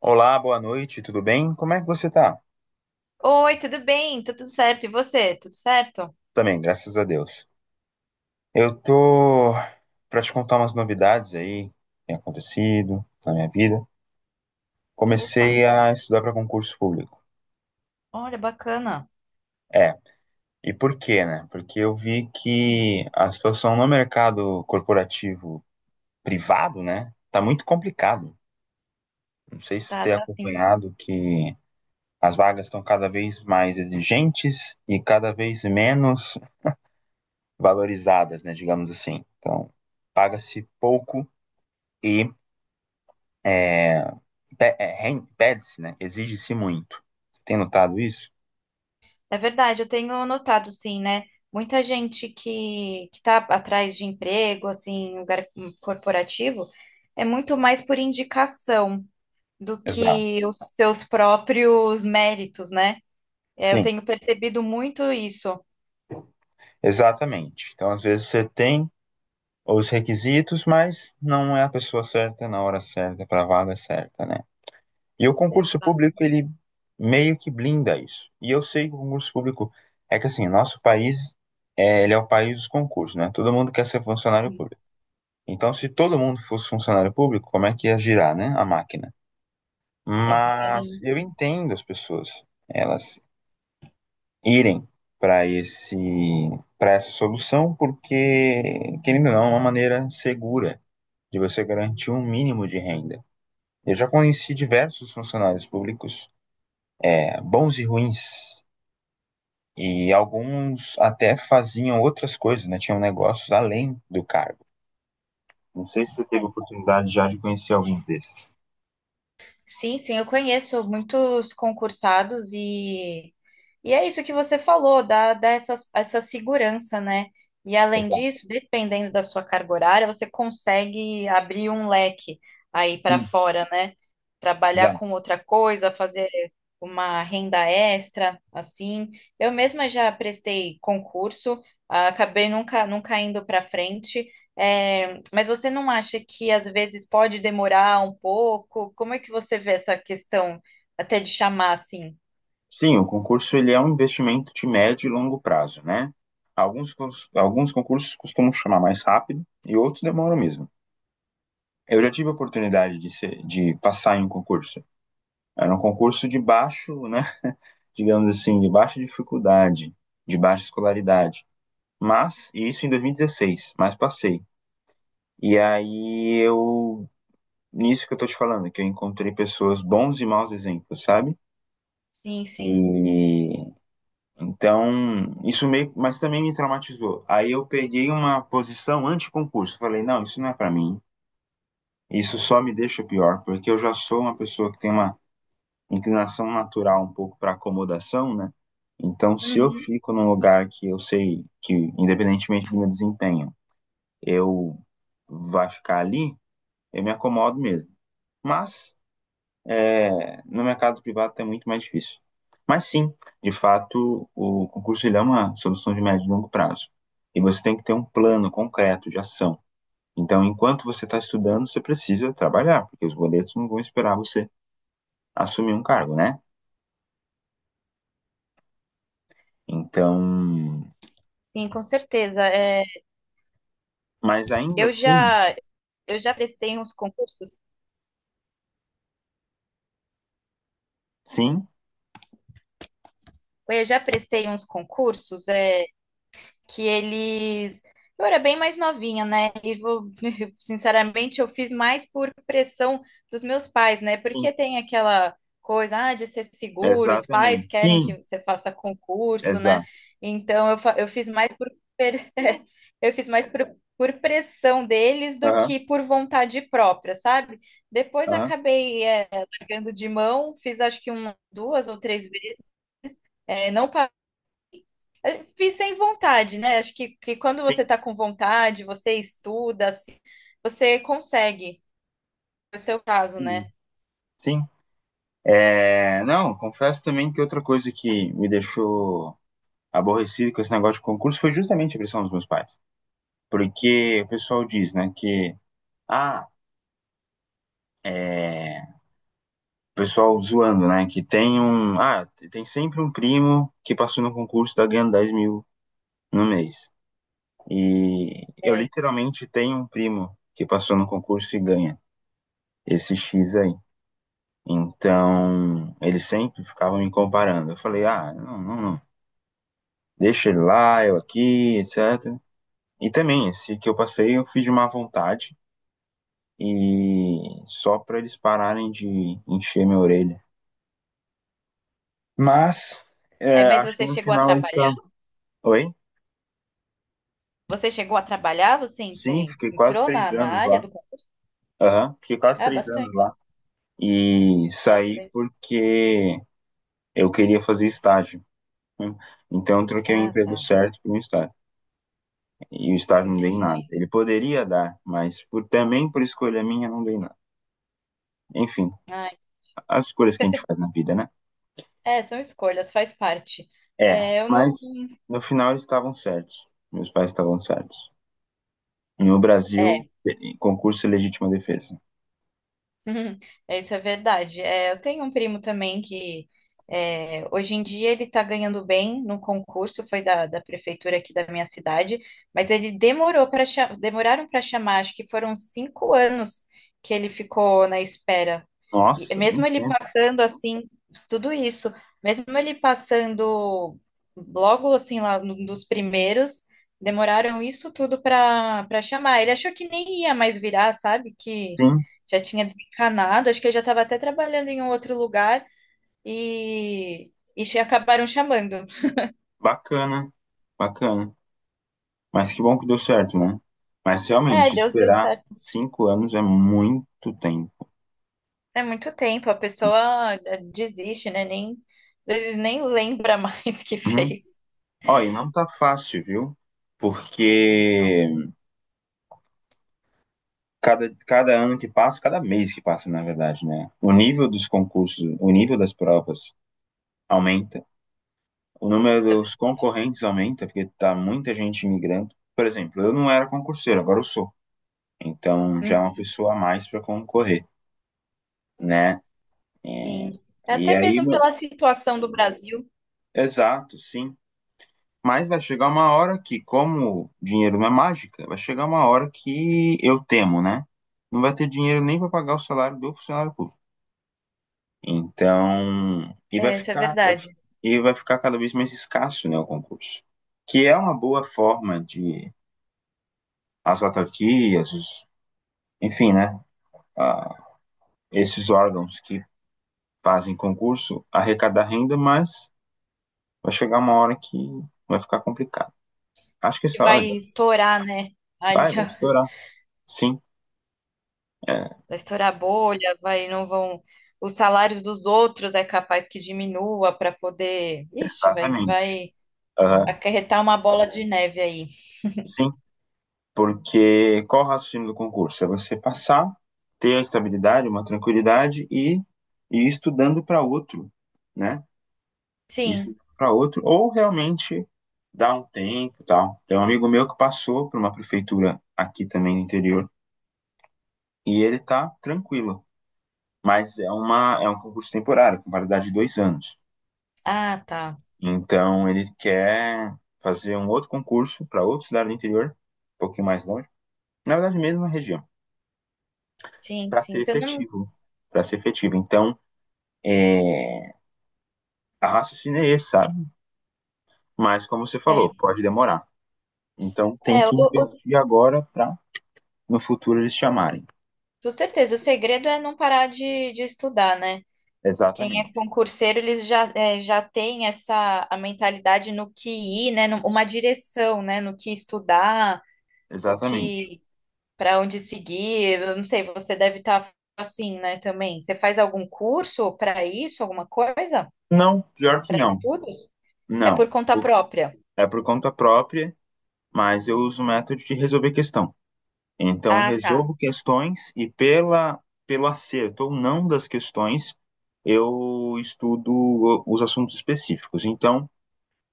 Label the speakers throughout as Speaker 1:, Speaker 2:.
Speaker 1: Olá, boa noite, tudo bem? Como é que você tá?
Speaker 2: Oi, tudo bem? Tá tudo certo? E você? Tudo certo?
Speaker 1: Também, graças a Deus. Eu tô para te contar umas novidades aí que tem acontecido na minha vida. Comecei
Speaker 2: Opa,
Speaker 1: a estudar para concurso público.
Speaker 2: olha, bacana.
Speaker 1: É, e por quê, né? Porque eu vi que a situação no mercado corporativo privado, né, tá muito complicado. Não sei se você
Speaker 2: Tá,
Speaker 1: tem
Speaker 2: tá sim.
Speaker 1: acompanhado que as vagas estão cada vez mais exigentes e cada vez menos valorizadas, né, digamos assim. Então, paga-se pouco e é, é, pede-se, né, exige-se muito. Você tem notado isso?
Speaker 2: É verdade, eu tenho notado, sim, né? Muita gente que tá atrás de emprego, assim, em lugar corporativo, é muito mais por indicação do
Speaker 1: Exato.
Speaker 2: que os seus próprios méritos, né? É, eu
Speaker 1: Sim,
Speaker 2: tenho percebido muito isso.
Speaker 1: exatamente. Então, às vezes você tem os requisitos, mas não é a pessoa certa na hora certa para a vaga certa, né? E o concurso
Speaker 2: Ah,
Speaker 1: público, ele meio que blinda isso. E eu sei que o concurso público é que assim, nosso país ele é o país dos concursos, né? Todo mundo quer ser funcionário
Speaker 2: sim.
Speaker 1: público. Então, se todo mundo fosse funcionário público, como é que ia girar, né, a máquina?
Speaker 2: É.
Speaker 1: Mas eu entendo as pessoas, elas irem para esse para essa solução, porque, querendo ou não, é uma maneira segura de você garantir um mínimo de renda. Eu já conheci diversos funcionários públicos, bons e ruins, e alguns até faziam outras coisas, né? Tinham negócios além do cargo. Não sei se você teve oportunidade já de conhecer algum desses.
Speaker 2: Sim, sim, eu conheço muitos concursados e é isso que você falou, dá essa segurança, né? E além
Speaker 1: Exato.
Speaker 2: disso, dependendo da sua carga horária, você consegue abrir um leque aí para
Speaker 1: Sim,
Speaker 2: fora, né? Trabalhar com
Speaker 1: exato.
Speaker 2: outra coisa, fazer uma renda extra, assim. Eu mesma já prestei concurso, ah, acabei nunca, nunca indo para frente. É, mas você não acha que às vezes pode demorar um pouco? Como é que você vê essa questão até de chamar assim?
Speaker 1: Sim, o concurso ele é um investimento de médio e longo prazo, né? Alguns, alguns concursos costumam chamar mais rápido e outros demoram mesmo. Eu já tive a oportunidade de passar em um concurso. Era um concurso de baixo, né? Digamos assim, de baixa dificuldade, de baixa escolaridade. Mas, e isso em 2016, mas passei. E aí eu, nisso que eu tô te falando, que eu encontrei pessoas, bons e maus exemplos, sabe?
Speaker 2: Sim, sim.
Speaker 1: E Então, isso meio, mas também me traumatizou. Aí eu peguei uma posição anti-concurso. Falei, não, isso não é para mim. Isso só me deixa pior, porque eu já sou uma pessoa que tem uma inclinação natural um pouco para acomodação, né? Então, se eu
Speaker 2: Uhum.
Speaker 1: fico num lugar que eu sei que, independentemente do meu desempenho, eu vai ficar ali, eu me acomodo mesmo. Mas no mercado privado é muito mais difícil. Mas sim, de fato, o concurso ele é uma solução de médio e longo prazo. E você tem que ter um plano concreto de ação. Então, enquanto você está estudando, você precisa trabalhar, porque os boletos não vão esperar você assumir um cargo, né? Então,
Speaker 2: Sim, com certeza. É,
Speaker 1: mas ainda
Speaker 2: eu
Speaker 1: assim,
Speaker 2: já eu já prestei uns concursos.
Speaker 1: sim,
Speaker 2: Eu já prestei uns concursos. É, que eles. Eu era bem mais novinha, né? E vou, sinceramente, eu fiz mais por pressão dos meus pais, né?
Speaker 1: sim,
Speaker 2: Porque tem aquela coisa, ah, de ser seguro, os pais
Speaker 1: exatamente,
Speaker 2: querem que
Speaker 1: sim,
Speaker 2: você faça concurso, né?
Speaker 1: exato,
Speaker 2: Então eu, eu fiz mais por per- eu fiz mais por pressão deles do
Speaker 1: aham,
Speaker 2: que por vontade própria, sabe? Depois
Speaker 1: aham,
Speaker 2: acabei largando de mão, fiz acho que um, duas ou três vezes, é, não eu fiz sem vontade, né? Acho que quando você
Speaker 1: sim,
Speaker 2: tá com vontade, você estuda, assim, você consegue. No seu caso,
Speaker 1: sim,
Speaker 2: né?
Speaker 1: sim. É, não, confesso também que outra coisa que me deixou aborrecido com esse negócio de concurso foi justamente a pressão dos meus pais. Porque o pessoal diz, né, que, ah, é, o pessoal zoando, né, que tem sempre um primo que passou no concurso e tá ganhando 10 mil no mês. E eu
Speaker 2: É.
Speaker 1: literalmente tenho um primo que passou no concurso e ganha esse X aí. Então, eles sempre ficavam me comparando. Eu falei, ah, não, não, não. Deixa ele lá, eu aqui, etc. E também, esse que eu passei, eu fiz de má vontade, e só para eles pararem de encher minha orelha. Mas
Speaker 2: Aí, mas
Speaker 1: acho que
Speaker 2: você
Speaker 1: no
Speaker 2: chegou a
Speaker 1: final eles
Speaker 2: trabalhar?
Speaker 1: estavam. Oi?
Speaker 2: Você chegou a trabalhar? Você
Speaker 1: Sim, fiquei quase
Speaker 2: entrou
Speaker 1: três
Speaker 2: na
Speaker 1: anos
Speaker 2: área
Speaker 1: lá.
Speaker 2: do.
Speaker 1: Aham, fiquei quase
Speaker 2: Ah,
Speaker 1: 3 anos lá.
Speaker 2: bastante,
Speaker 1: E saí
Speaker 2: bastante.
Speaker 1: porque eu queria fazer estágio. Então eu troquei o
Speaker 2: Ah,
Speaker 1: emprego
Speaker 2: tá.
Speaker 1: certo por um estágio. E o estágio não dei nada.
Speaker 2: Entendi.
Speaker 1: Ele poderia dar, mas também por escolha minha não dei nada. Enfim,
Speaker 2: Ai,
Speaker 1: as escolhas que a gente faz na vida, né?
Speaker 2: é, são escolhas, faz parte.
Speaker 1: É,
Speaker 2: É, eu não.
Speaker 1: mas no final eles estavam certos. Meus pais estavam certos. No Brasil,
Speaker 2: é,
Speaker 1: em concurso e legítima defesa.
Speaker 2: Uhum. Isso é verdade. É, eu tenho um primo também que é, hoje em dia ele está ganhando bem no concurso, foi da prefeitura aqui da minha cidade, mas ele demorou para demoraram para chamar, acho que foram cinco anos que ele ficou na espera. E
Speaker 1: Nossa,
Speaker 2: mesmo
Speaker 1: muito
Speaker 2: ele
Speaker 1: tempo,
Speaker 2: passando assim, tudo isso, mesmo ele passando logo assim lá num dos primeiros, demoraram isso tudo para chamar. Ele achou que nem ia mais virar, sabe? Que
Speaker 1: sim.
Speaker 2: já tinha desencanado, acho que eu já estava até trabalhando em um outro lugar e, acabaram chamando.
Speaker 1: Bacana, bacana. Mas que bom que deu certo, né? Mas
Speaker 2: É,
Speaker 1: realmente,
Speaker 2: deu, deu
Speaker 1: esperar
Speaker 2: certo.
Speaker 1: 5 anos é muito tempo.
Speaker 2: É muito tempo, a pessoa desiste, né? Nem, às vezes nem lembra mais que
Speaker 1: Uhum.
Speaker 2: fez.
Speaker 1: Ó, e não tá fácil, viu? Porque cada ano que passa, cada mês que passa, na verdade, né? O nível dos concursos, o nível das provas aumenta, o número
Speaker 2: Sabe?
Speaker 1: dos concorrentes aumenta, porque tá muita gente migrando. Por exemplo, eu não era concurseiro, agora eu sou. Então já é uma
Speaker 2: Uhum.
Speaker 1: pessoa a mais para concorrer, né? E,
Speaker 2: Sim. É.
Speaker 1: e
Speaker 2: Até
Speaker 1: aí,
Speaker 2: mesmo
Speaker 1: meu,
Speaker 2: pela situação do Brasil,
Speaker 1: exato, sim. Mas vai chegar uma hora que, como dinheiro não é mágica, vai chegar uma hora que eu temo, né? Não vai ter dinheiro nem para pagar o salário do funcionário público. Então, e vai
Speaker 2: é, isso é
Speaker 1: ficar, vai fi-
Speaker 2: verdade.
Speaker 1: e vai ficar cada vez mais escasso, né, o concurso. Que é uma boa forma de as autarquias, enfim, né, a- esses órgãos que fazem concurso arrecadar renda, mas vai chegar uma hora que vai ficar complicado. Acho que
Speaker 2: Que
Speaker 1: essa hora
Speaker 2: vai
Speaker 1: já
Speaker 2: estourar, né? Ali,
Speaker 1: vai
Speaker 2: ó,
Speaker 1: estourar. Sim, é,
Speaker 2: vai estourar a bolha, vai, não vão. Os salários dos outros é capaz que diminua para poder. Ixi, vai,
Speaker 1: exatamente.
Speaker 2: vai
Speaker 1: Aham,
Speaker 2: acarretar uma bola de neve aí.
Speaker 1: sim, porque qual o raciocínio do concurso? É você passar, ter a estabilidade, uma tranquilidade e ir estudando para outro, né? Ir
Speaker 2: Sim.
Speaker 1: estudando para outro, ou realmente dar um tempo e tal. Tem um amigo meu que passou por uma prefeitura aqui também no interior e ele tá tranquilo, mas é um concurso temporário, com validade de 2 anos.
Speaker 2: Ah, tá.
Speaker 1: Então ele quer fazer um outro concurso para outra cidade do interior, um pouquinho mais longe, na verdade, mesmo na região,
Speaker 2: Sim,
Speaker 1: para
Speaker 2: sim.
Speaker 1: ser
Speaker 2: Você não.
Speaker 1: efetivo, para ser efetivo. Então, é, a raciocínio é esse, sabe? Mas como você falou,
Speaker 2: É,
Speaker 1: pode demorar. Então tem
Speaker 2: é
Speaker 1: que
Speaker 2: o, o-
Speaker 1: investir agora para no futuro eles chamarem.
Speaker 2: com certeza. O segredo é não parar de estudar, né? Quem é
Speaker 1: Exatamente.
Speaker 2: concurseiro, eles já, é, já tem essa a mentalidade no que ir, né? Uma direção, né? No que estudar, o
Speaker 1: Exatamente.
Speaker 2: que para onde seguir. Eu não sei, você deve estar assim, né? Também. Você faz algum curso para isso, alguma coisa?
Speaker 1: Não, pior que
Speaker 2: Para
Speaker 1: não.
Speaker 2: estudos? É por
Speaker 1: Não.
Speaker 2: conta própria.
Speaker 1: É por conta própria, mas eu uso o método de resolver questão. Então,
Speaker 2: Ah, tá.
Speaker 1: resolvo questões e pelo acerto ou não das questões, eu estudo os assuntos específicos. Então,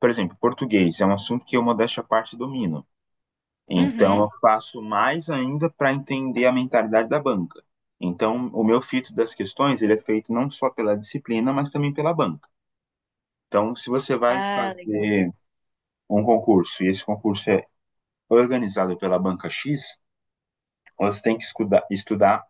Speaker 1: por exemplo, português é um assunto que eu, modéstia à parte, domino. Então,
Speaker 2: Uhum.
Speaker 1: eu faço mais ainda para entender a mentalidade da banca. Então, o meu filtro das questões, ele é feito não só pela disciplina, mas também pela banca. Então, se você vai
Speaker 2: Ah, legal.
Speaker 1: fazer um concurso e esse concurso é organizado pela banca X, você tem que estudar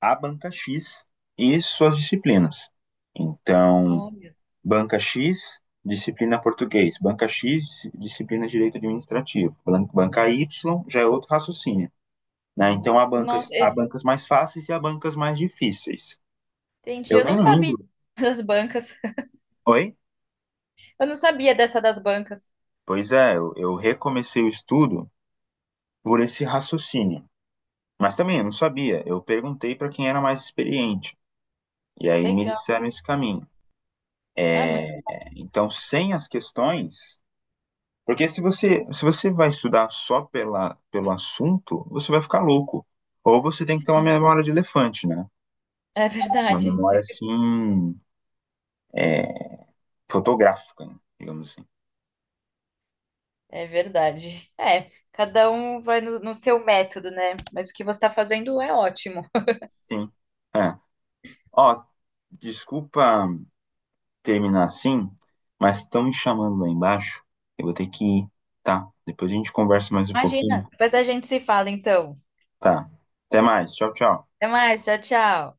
Speaker 1: a banca X e suas disciplinas. Então,
Speaker 2: Olha.
Speaker 1: banca X, disciplina português, banca X, disciplina direito administrativo, banca Y já é outro raciocínio. Né? Então, há
Speaker 2: Nossa,
Speaker 1: bancas, há bancas mais fáceis e há bancas mais difíceis.
Speaker 2: entendi.
Speaker 1: Eu
Speaker 2: Eu não
Speaker 1: nem
Speaker 2: sabia
Speaker 1: lembro.
Speaker 2: das bancas.
Speaker 1: Oi?
Speaker 2: Eu não sabia dessa das bancas.
Speaker 1: Pois é, eu recomecei o estudo por esse raciocínio. Mas também eu não sabia. Eu perguntei para quem era mais experiente. E aí me
Speaker 2: Legal.
Speaker 1: disseram esse caminho.
Speaker 2: Ah, muito bom.
Speaker 1: Então, sem as questões. Porque se você vai estudar só pelo assunto, você vai ficar louco. Ou você tem que ter uma memória de elefante, né?
Speaker 2: É
Speaker 1: Uma
Speaker 2: verdade.
Speaker 1: memória assim, é, fotográfica, né? Digamos assim.
Speaker 2: É verdade. É, cada um vai no seu método, né? Mas o que você está fazendo é ótimo.
Speaker 1: Sim. É. Ó, desculpa terminar assim, mas estão me chamando lá embaixo. Eu vou ter que ir, tá? Depois a gente conversa mais um pouquinho.
Speaker 2: Imagina. Depois a gente se fala, então.
Speaker 1: Tá. Até mais. Tchau, tchau.
Speaker 2: Até mais. Tchau, tchau.